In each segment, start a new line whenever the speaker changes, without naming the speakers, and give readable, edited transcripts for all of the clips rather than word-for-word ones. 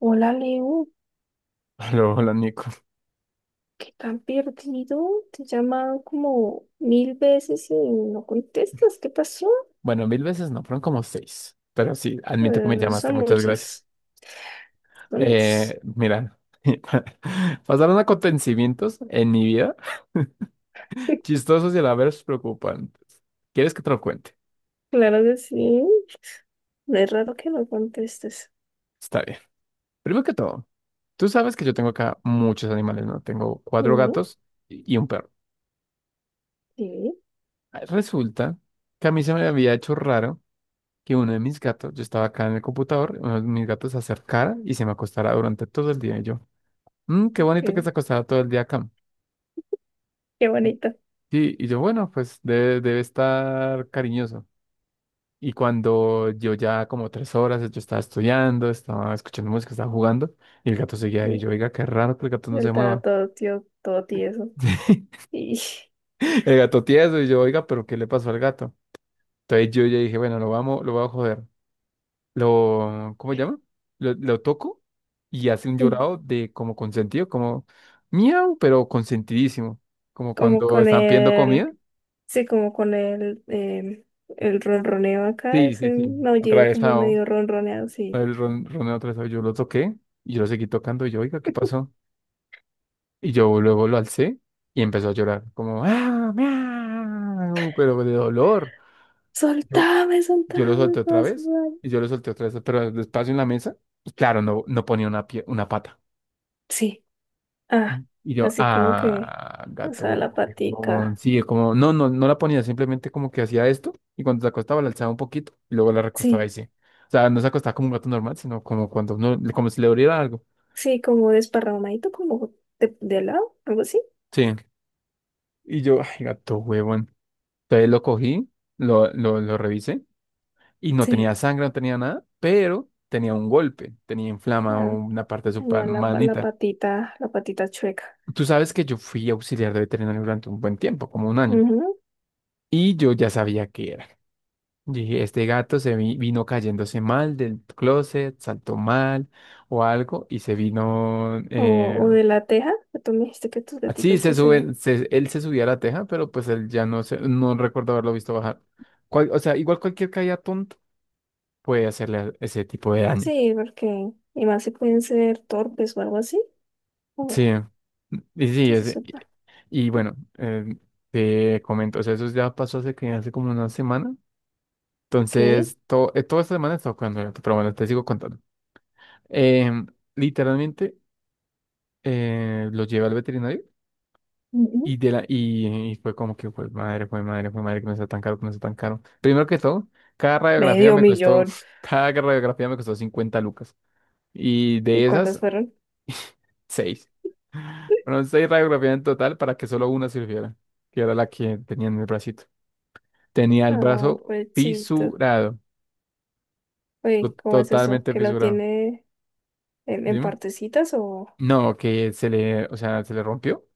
Hola Leo,
Hola, hola, Nico.
¿qué tan perdido? Te llaman como mil veces y no contestas. ¿Qué pasó?
Bueno, mil veces no, fueron como seis. Pero sí, admito que me
Bueno,
llamaste,
son
muchas gracias.
muchas, son muchas.
Mira, pasaron acontecimientos en mi vida chistosos y a la vez preocupantes. ¿Quieres que te lo cuente?
Claro que sí. No. Es raro que no contestes.
Está bien. Primero que todo, tú sabes que yo tengo acá muchos animales, ¿no? Tengo cuatro
Ujú.
gatos y un perro.
Sí,
Resulta que a mí se me había hecho raro que uno de mis gatos, yo estaba acá en el computador, uno de mis gatos se acercara y se me acostara durante todo el día y yo. Qué bonito que se
qué,
acostaba todo el día acá.
qué
Y-
bonita.
Sí, y yo, bueno, pues debe estar cariñoso. Y cuando yo ya como 3 horas, yo estaba estudiando, estaba escuchando música, estaba jugando, y el gato seguía
Sí,
ahí. Yo, oiga, qué raro que el gato
y
no
él
se
estaba
mueva.
todo tío, todo tieso. Y
El gato tieso, y yo, oiga, pero ¿qué le pasó al gato? Entonces yo ya dije, bueno, lo voy a joder. Lo, ¿cómo se llama? Lo toco y hace un
sí,
llorado de como consentido, como miau, pero consentidísimo. Como
como
cuando
con
están pidiendo
el,
comida.
sí, como con el, el ronroneo acá,
Sí, sí,
ese
sí.
maullido como
Atravesado.
medio ronroneado, sí.
El roneo atravesado. Yo lo toqué y yo lo seguí tocando. Y yo, oiga, ¿qué pasó? Y yo luego lo alcé y empezó a llorar. Como, ¡ah! Miau", pero de dolor. Yo,
Soltame,
yo lo
soltame, me
solté
va
otra
a
vez
sudar.
y yo lo solté otra vez, pero despacio en la mesa. Y claro, no ponía una pata.
Sí, ah,
Y yo,
así como que,
ah,
o
gato,
sea, la
huevón.
patica.
Sí, como, no la ponía, simplemente como que hacía esto y cuando se acostaba la alzaba un poquito y luego la recostaba y
Sí,
sí. O sea, no se acostaba como un gato normal, sino como cuando uno, como si le doliera algo.
sí, como desparramadito, como de lado, algo así.
Sí. Y yo, ay, gato, huevón. Entonces lo cogí, lo revisé y no tenía
Sí,
sangre, no tenía nada, pero tenía un golpe, tenía inflama
ah,
una parte de su
tenía la, pa-
manita.
la patita chueca.
Tú sabes que yo fui auxiliar de veterinario durante un buen tiempo, como un año,
Ujú.
y yo ya sabía qué era. Y este gato se vino cayéndose mal del closet, saltó mal o algo y se vino.
O, o de la teja, que tú me dijiste que tus
Así
gaticos,
se
pues, se-
sube, él se subía a la teja, pero pues él ya no, no recuerdo haberlo visto bajar. O sea, igual cualquier caída tonta puede hacerle ese tipo de daño.
sí, porque, y más si pueden ser torpes o algo así. Bueno,
Sí, y sí,
entonces, suelta.
y bueno, te comento, o sea, eso ya pasó hace, hace como una semana.
Ok.
Entonces, toda esta semana he estado jugando gato, pero bueno, te sigo contando. Em, Literalmente, lo llevé al veterinario
Ujú.
y fue como que fue madre, que me está tan caro, que me está tan caro. Primero que todo, cada radiografía
Medio
me costó,
millón.
cada radiografía me costó 50 lucas. Y
¿Y
de esas,
cuántas fueron?
seis. Fueron seis radiografías en total para que solo una sirviera, que era la que tenía en el bracito. Tenía el
Ah,
brazo
pechito.
fisurado,
Uy, ¿cómo es eso?
totalmente
¿Que lo
fisurado.
tiene en
Dime.
partecitas o…?
No, que se le, o sea, se le rompió.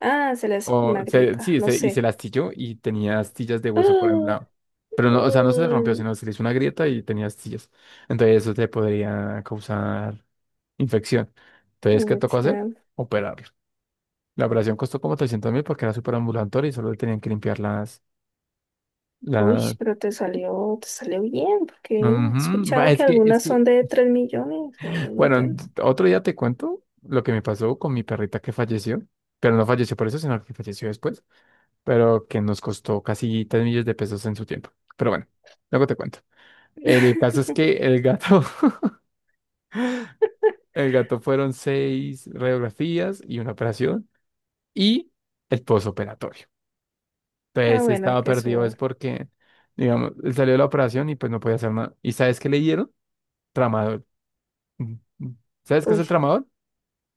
Ah, se le hace con una grieta,
Sí,
no
y se
sé.
la astilló y tenía astillas de hueso por un lado. Pero
Ah,
no, o sea, no se le rompió,
ay,
sino se le hizo una grieta y tenía astillas. Entonces eso te podría causar infección.
me
Entonces, ¿qué tocó hacer?
decían.
Operarlo. La operación costó como 300.000 porque era súper ambulatorio y solo le tenían que limpiar
Uy,
las...
pero te salió bien, porque he
Ujú. Va,
escuchado que
Es que, es
algunas
que...
son de 3 millones o un
Bueno,
millón.
otro día te cuento lo que me pasó con mi perrita que falleció. Pero no falleció por eso, sino que falleció después. Pero que nos costó casi 3 millones de pesos en su tiempo. Pero bueno, luego te cuento. El caso es que el gato, el gato fueron seis radiografías y una operación y el posoperatorio.
Ah,
Entonces
bueno,
estaba
que
perdido,
eso…
es porque, digamos, él salió de la operación y pues no podía hacer nada. ¿Y sabes qué le dieron? Tramadol. Mm, mm. ¿Sabes qué es el
Uy,
tramadol?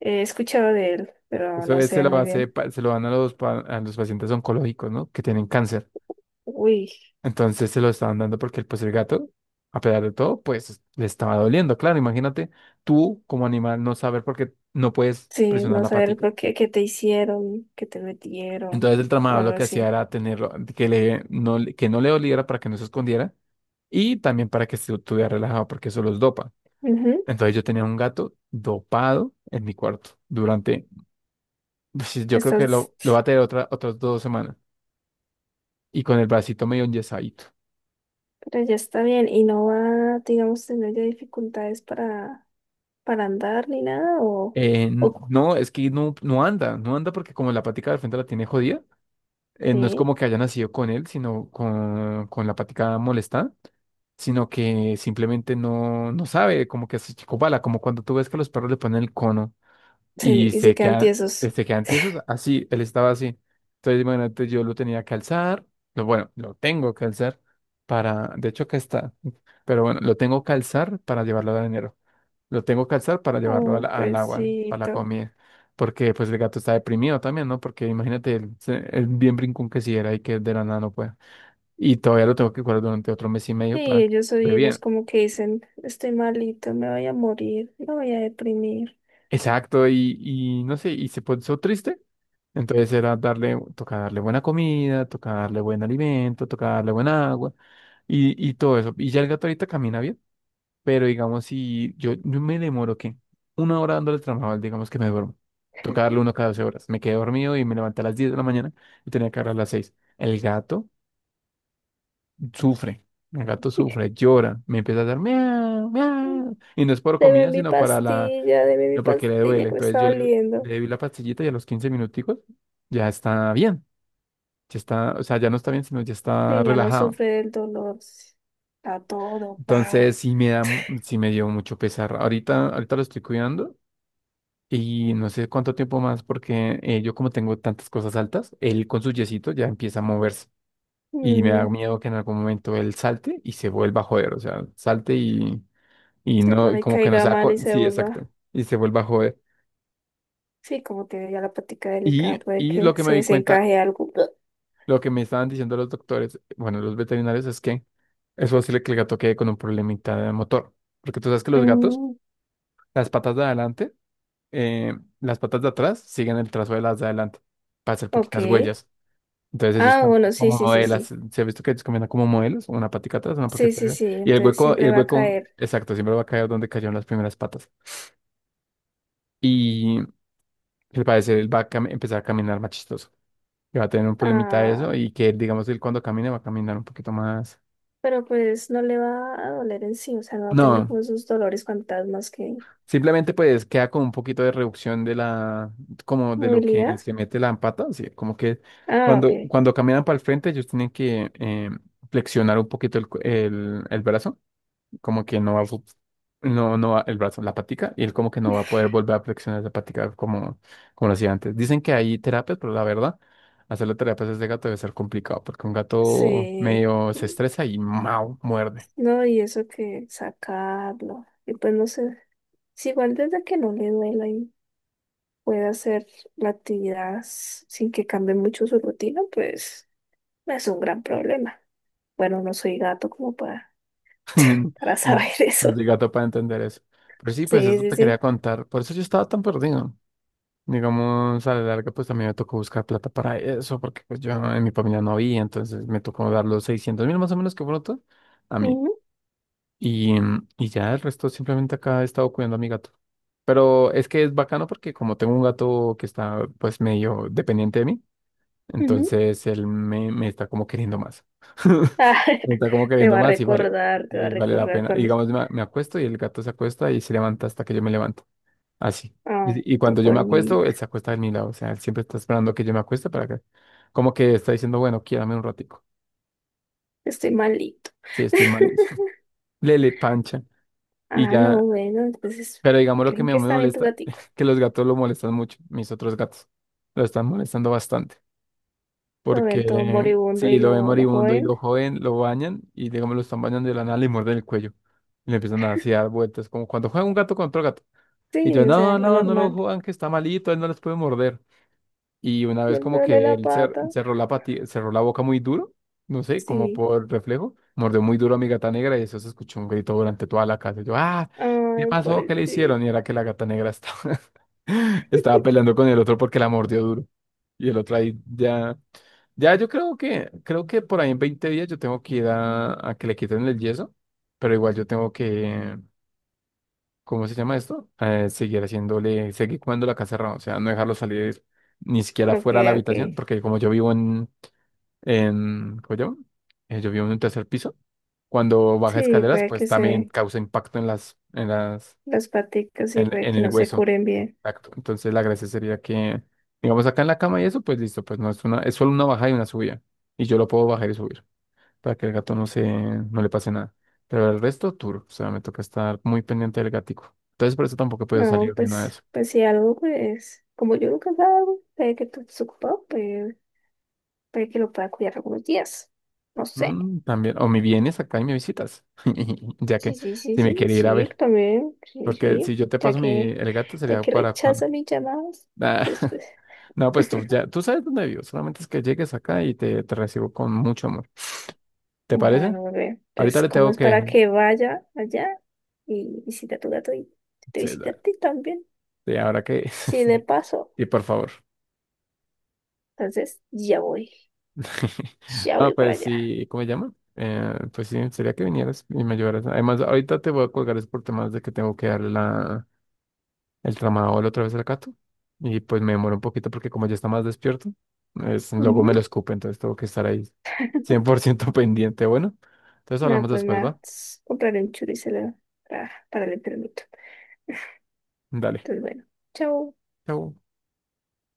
he escuchado de él, pero
Eso
no
es,
sé muy bien.
se lo dan a a los pacientes oncológicos, ¿no? Que tienen cáncer.
Uy,
Entonces se lo estaban dando porque pues el gato, a pesar de todo, pues le estaba doliendo. Claro, imagínate tú como animal no saber por qué no puedes
sí,
presionar
no
la
saber
patica.
por qué, qué te hicieron, qué te metieron,
Entonces el
o
tramador
algo
lo que hacía
así.
era tenerlo, que no le doliera para que no se escondiera y también para que se estuviera relajado porque eso los dopa.
Ujú.
Entonces yo tenía un gato dopado en mi cuarto durante, pues, yo creo que
Estás…
lo va a tener otras 2 semanas y con el bracito medio enyesado.
Pero ya está bien y no va, digamos, tener ya dificultades para andar ni nada o, o
No, es que no anda, no anda porque como la patica del frente la tiene jodida, no es
sí,
como que haya nacido con él, sino con la patica molesta, sino que simplemente no sabe, como que se chicopala, como cuando tú ves que los perros le ponen el cono
sí,
y
y se
se
quedan
quedan, eh,
tiesos.
se quedan tiesos, así, él estaba así. Entonces, imagínate, yo lo tenía que alzar, bueno, lo tengo que alzar para, de hecho acá está, pero bueno, lo tengo que alzar para llevarlo al dinero, lo tengo que alzar para llevarlo al,
Oh,
al agua, para la
pobrecito.
comida. Porque pues el gato está deprimido también, ¿no? Porque imagínate el bien brincón que si era y que de la nada no pueda. Y todavía lo tengo que cuidar durante otro mes y
Sí,
medio para que
ellos
esté
hoy,
bien.
ellos como que dicen, estoy malito, me voy a morir, me voy a deprimir.
Exacto, y no sé, y se puso triste. Entonces era darle, toca darle buena comida, toca darle buen alimento, toca darle buen agua y todo eso. Y ya el gato ahorita camina bien. Pero digamos, si yo, yo me demoro, ¿qué? Una hora dándole trabajo, digamos que me duermo. Toca darle uno cada 12 horas. Me quedé dormido y me levanté a las 10 de la mañana y tenía que hablar a las 6. El gato sufre. El gato sufre, llora, me empieza a dar miau, miau. Y no es por comida, sino para la,
Deme mi
no porque le
pastilla
duele.
que me
Entonces
está
yo le,
doliendo.
le di la pastillita y a los 15 minuticos ya está bien. Ya está, o sea, ya no está bien, sino ya está
Sí, ya no
relajado.
sufre del dolor. Está todo, pao.
Entonces sí me dio mucho pesar. Ahorita lo estoy cuidando. Y no sé cuánto tiempo más, porque yo como tengo tantas cosas altas, él con su yesito ya empieza a moverse. Y me da
Mm,
miedo que en algún momento él salte y se vuelva a joder. O sea, salte y
sí,
no,
por
y
ahí
como que no
caiga
sea.
mal y se
Sí,
vuelva.
exacto. Y se vuelva a joder.
Sí, como tiene ya la plática
Y,
delicada, puede
y
que
lo que
se
me di cuenta,
desencaje algo.
lo que me estaban diciendo los doctores, bueno, los veterinarios, es que es posible que el gato quede con un problemita de motor. Porque tú sabes que los gatos,
Mm,
las patas de adelante, las patas de atrás siguen el trazo de las de adelante para hacer
ok.
poquitas huellas. Entonces ellos
Ah,
también
bueno, sí,
como
sí, sí,
modelos.
sí.
Se ha visto que ellos caminan como modelos, una
Sí,
patica
sí,
atrás,
sí, entonces
y
siempre
el
va a
hueco,
caer.
exacto, siempre va a caer donde cayeron las primeras patas. Y al parecer él va a empezar a caminar más chistoso, que va a tener un problemita de
Ah,
eso, y que digamos él cuando camine va a caminar un poquito más.
pero pues no le va a doler en sí, o sea, no va a tener
No,
como esos dolores fantasmas que…
simplemente pues queda con un poquito de reducción de la, como de lo
Movilidad.
que se mete la pata, así como que
Ah, ok.
cuando, cuando caminan para el frente ellos tienen que flexionar un poquito el, el brazo, como que no va a, no va el brazo, la patica, y él como que no va a poder volver a flexionar la patica como lo hacía antes. Dicen que hay terapias, pero la verdad, hacerle terapias a ese gato debe ser complicado, porque un gato
Sí.
medio se estresa y ¡mau! Muerde.
No, y eso que sacarlo. Y pues no sé. Si igual desde que no le duela y pueda hacer la actividad s- sin que cambie mucho su rutina, pues. No es un gran problema. Bueno, no soy gato como para, para
No
saber
no,
eso.
soy gato para entender eso. Pero sí, pues
Sí,
eso
sí,
te quería
sí.
contar. Por eso yo estaba tan perdido. Digamos, a la larga, pues también me tocó buscar plata para eso, porque pues yo en mi familia no había, entonces me tocó dar los 600.000 más o menos que fueron todos a mí.
Ujú,
Y ya el resto, simplemente acá he estado cuidando a mi gato. Pero es que es bacano porque como tengo un gato que está pues medio dependiente de mí,
ujú.
entonces él me, está como queriendo más.
Ah,
Me está como
te
queriendo
va a
más
recordar, te va a
y vale la
recordar
pena.
cuando…
Digamos, me acuesto y el gato se acuesta y se levanta hasta que yo me levanto. Así.
Ah,
Y
tu
cuando yo me
buen
acuesto, él
niñito.
se acuesta de mi lado. O sea, él siempre está esperando que yo me acueste para que, como que está diciendo, bueno, quiérame un ratico.
Estoy malito.
Sí, estoy mal. Lele, pancha. Y
Ah, no,
ya.
bueno, entonces,
Pero digamos lo que
¿creen
me
que
me
está bien tu
molesta,
gatico?
que los gatos lo molestan mucho, mis otros gatos. Lo están molestando bastante.
Lo ven todo
Porque
moribundo
si
y
lo ven
lo
moribundo y
joven.
lo joden, lo bañan y digamos lo están bañando de la nada, le muerden el cuello. Y le empiezan a así a dar vueltas, como cuando juega un gato con otro gato. Y yo,
Sí, o sea,
no,
lo
no, no lo
normal.
jodan, que está malito, él no les puede morder. Y una
Y
vez
él
como
duele
que
la
él cer-
pata.
cerró la pati- cerró la boca muy duro, no sé, como
Sí.
por reflejo, mordió muy duro a mi gata negra y eso se escuchó un grito durante toda la casa. Yo, ah, ¿qué
Ay,
pasó? ¿Qué le hicieron?
pobrecito.
Y era que la gata negra estaba, estaba peleando con el otro porque la mordió duro. Y el otro ahí ya yo creo que, por ahí en 20 días yo tengo que ir a que le quiten el yeso, pero igual yo tengo que, ¿cómo se llama esto? Seguir haciéndole, seguir comiendo la casa cerrada, o sea, no dejarlo salir ni siquiera
Ok,
fuera de la
ok.
habitación, porque como yo vivo en, ¿cómo se llama? Yo vivo en un tercer piso, cuando baja
Sí,
escaleras,
puede
pues
que
también
se…
causa impacto en
las paticas y puede que
el
no se
hueso.
curen bien.
Exacto. Entonces la gracia sería que, digamos, acá en la cama y eso, pues listo, pues no es una, es solo una bajada y una subida, y yo lo puedo bajar y subir para que el gato no se, no le pase nada. Pero el resto, tour, o sea, me toca estar muy pendiente del gatico. Entonces, por eso tampoco puedo
No,
salir ni nada de
pues,
eso.
pues si algo, pues, como yo nunca salgo, puede que tú estés ocupado, pues, puede que lo pueda cuidar algunos días. No sé.
Mm, también, o me vienes acá y me visitas, ya
Sí,
que
sí, sí,
si me
sí,
quiere ir a
sí,
ver,
también, sí,
porque si
sí,
yo te paso mi, el gato
ya
sería
que
para cuando...
rechaza mis llamadas,
Ah,
entonces, pues,
no, pues tú ya, tú sabes dónde vivo, solamente es que llegues acá y te, recibo con mucho amor. ¿Te parece?
bueno, bebé,
Ahorita
pues,
le
¿cómo
tengo
es para
que...
que vaya allá y visita a tu gato y te
Sí,
visita a ti también?
sí, ahora que...
Así de paso,
Sí, por favor.
entonces, ya
Ah,
voy para
pues
allá.
sí, ¿cómo se llama? Pues sí, sería que vinieras y me ayudaras. Además, ahorita te voy a colgar es por temas de que tengo que darle la, el tramadol otra vez al gato. Y pues me demoro un poquito porque como ya está más despierto, es, luego me lo escupe, entonces tengo que estar ahí 100% pendiente. Bueno, entonces
Nada,
hablamos
pues
después,
nada.
¿va?
Compraré un churro y se lo para el enfermito.
Dale.
Entonces, bueno, chao.
Chau.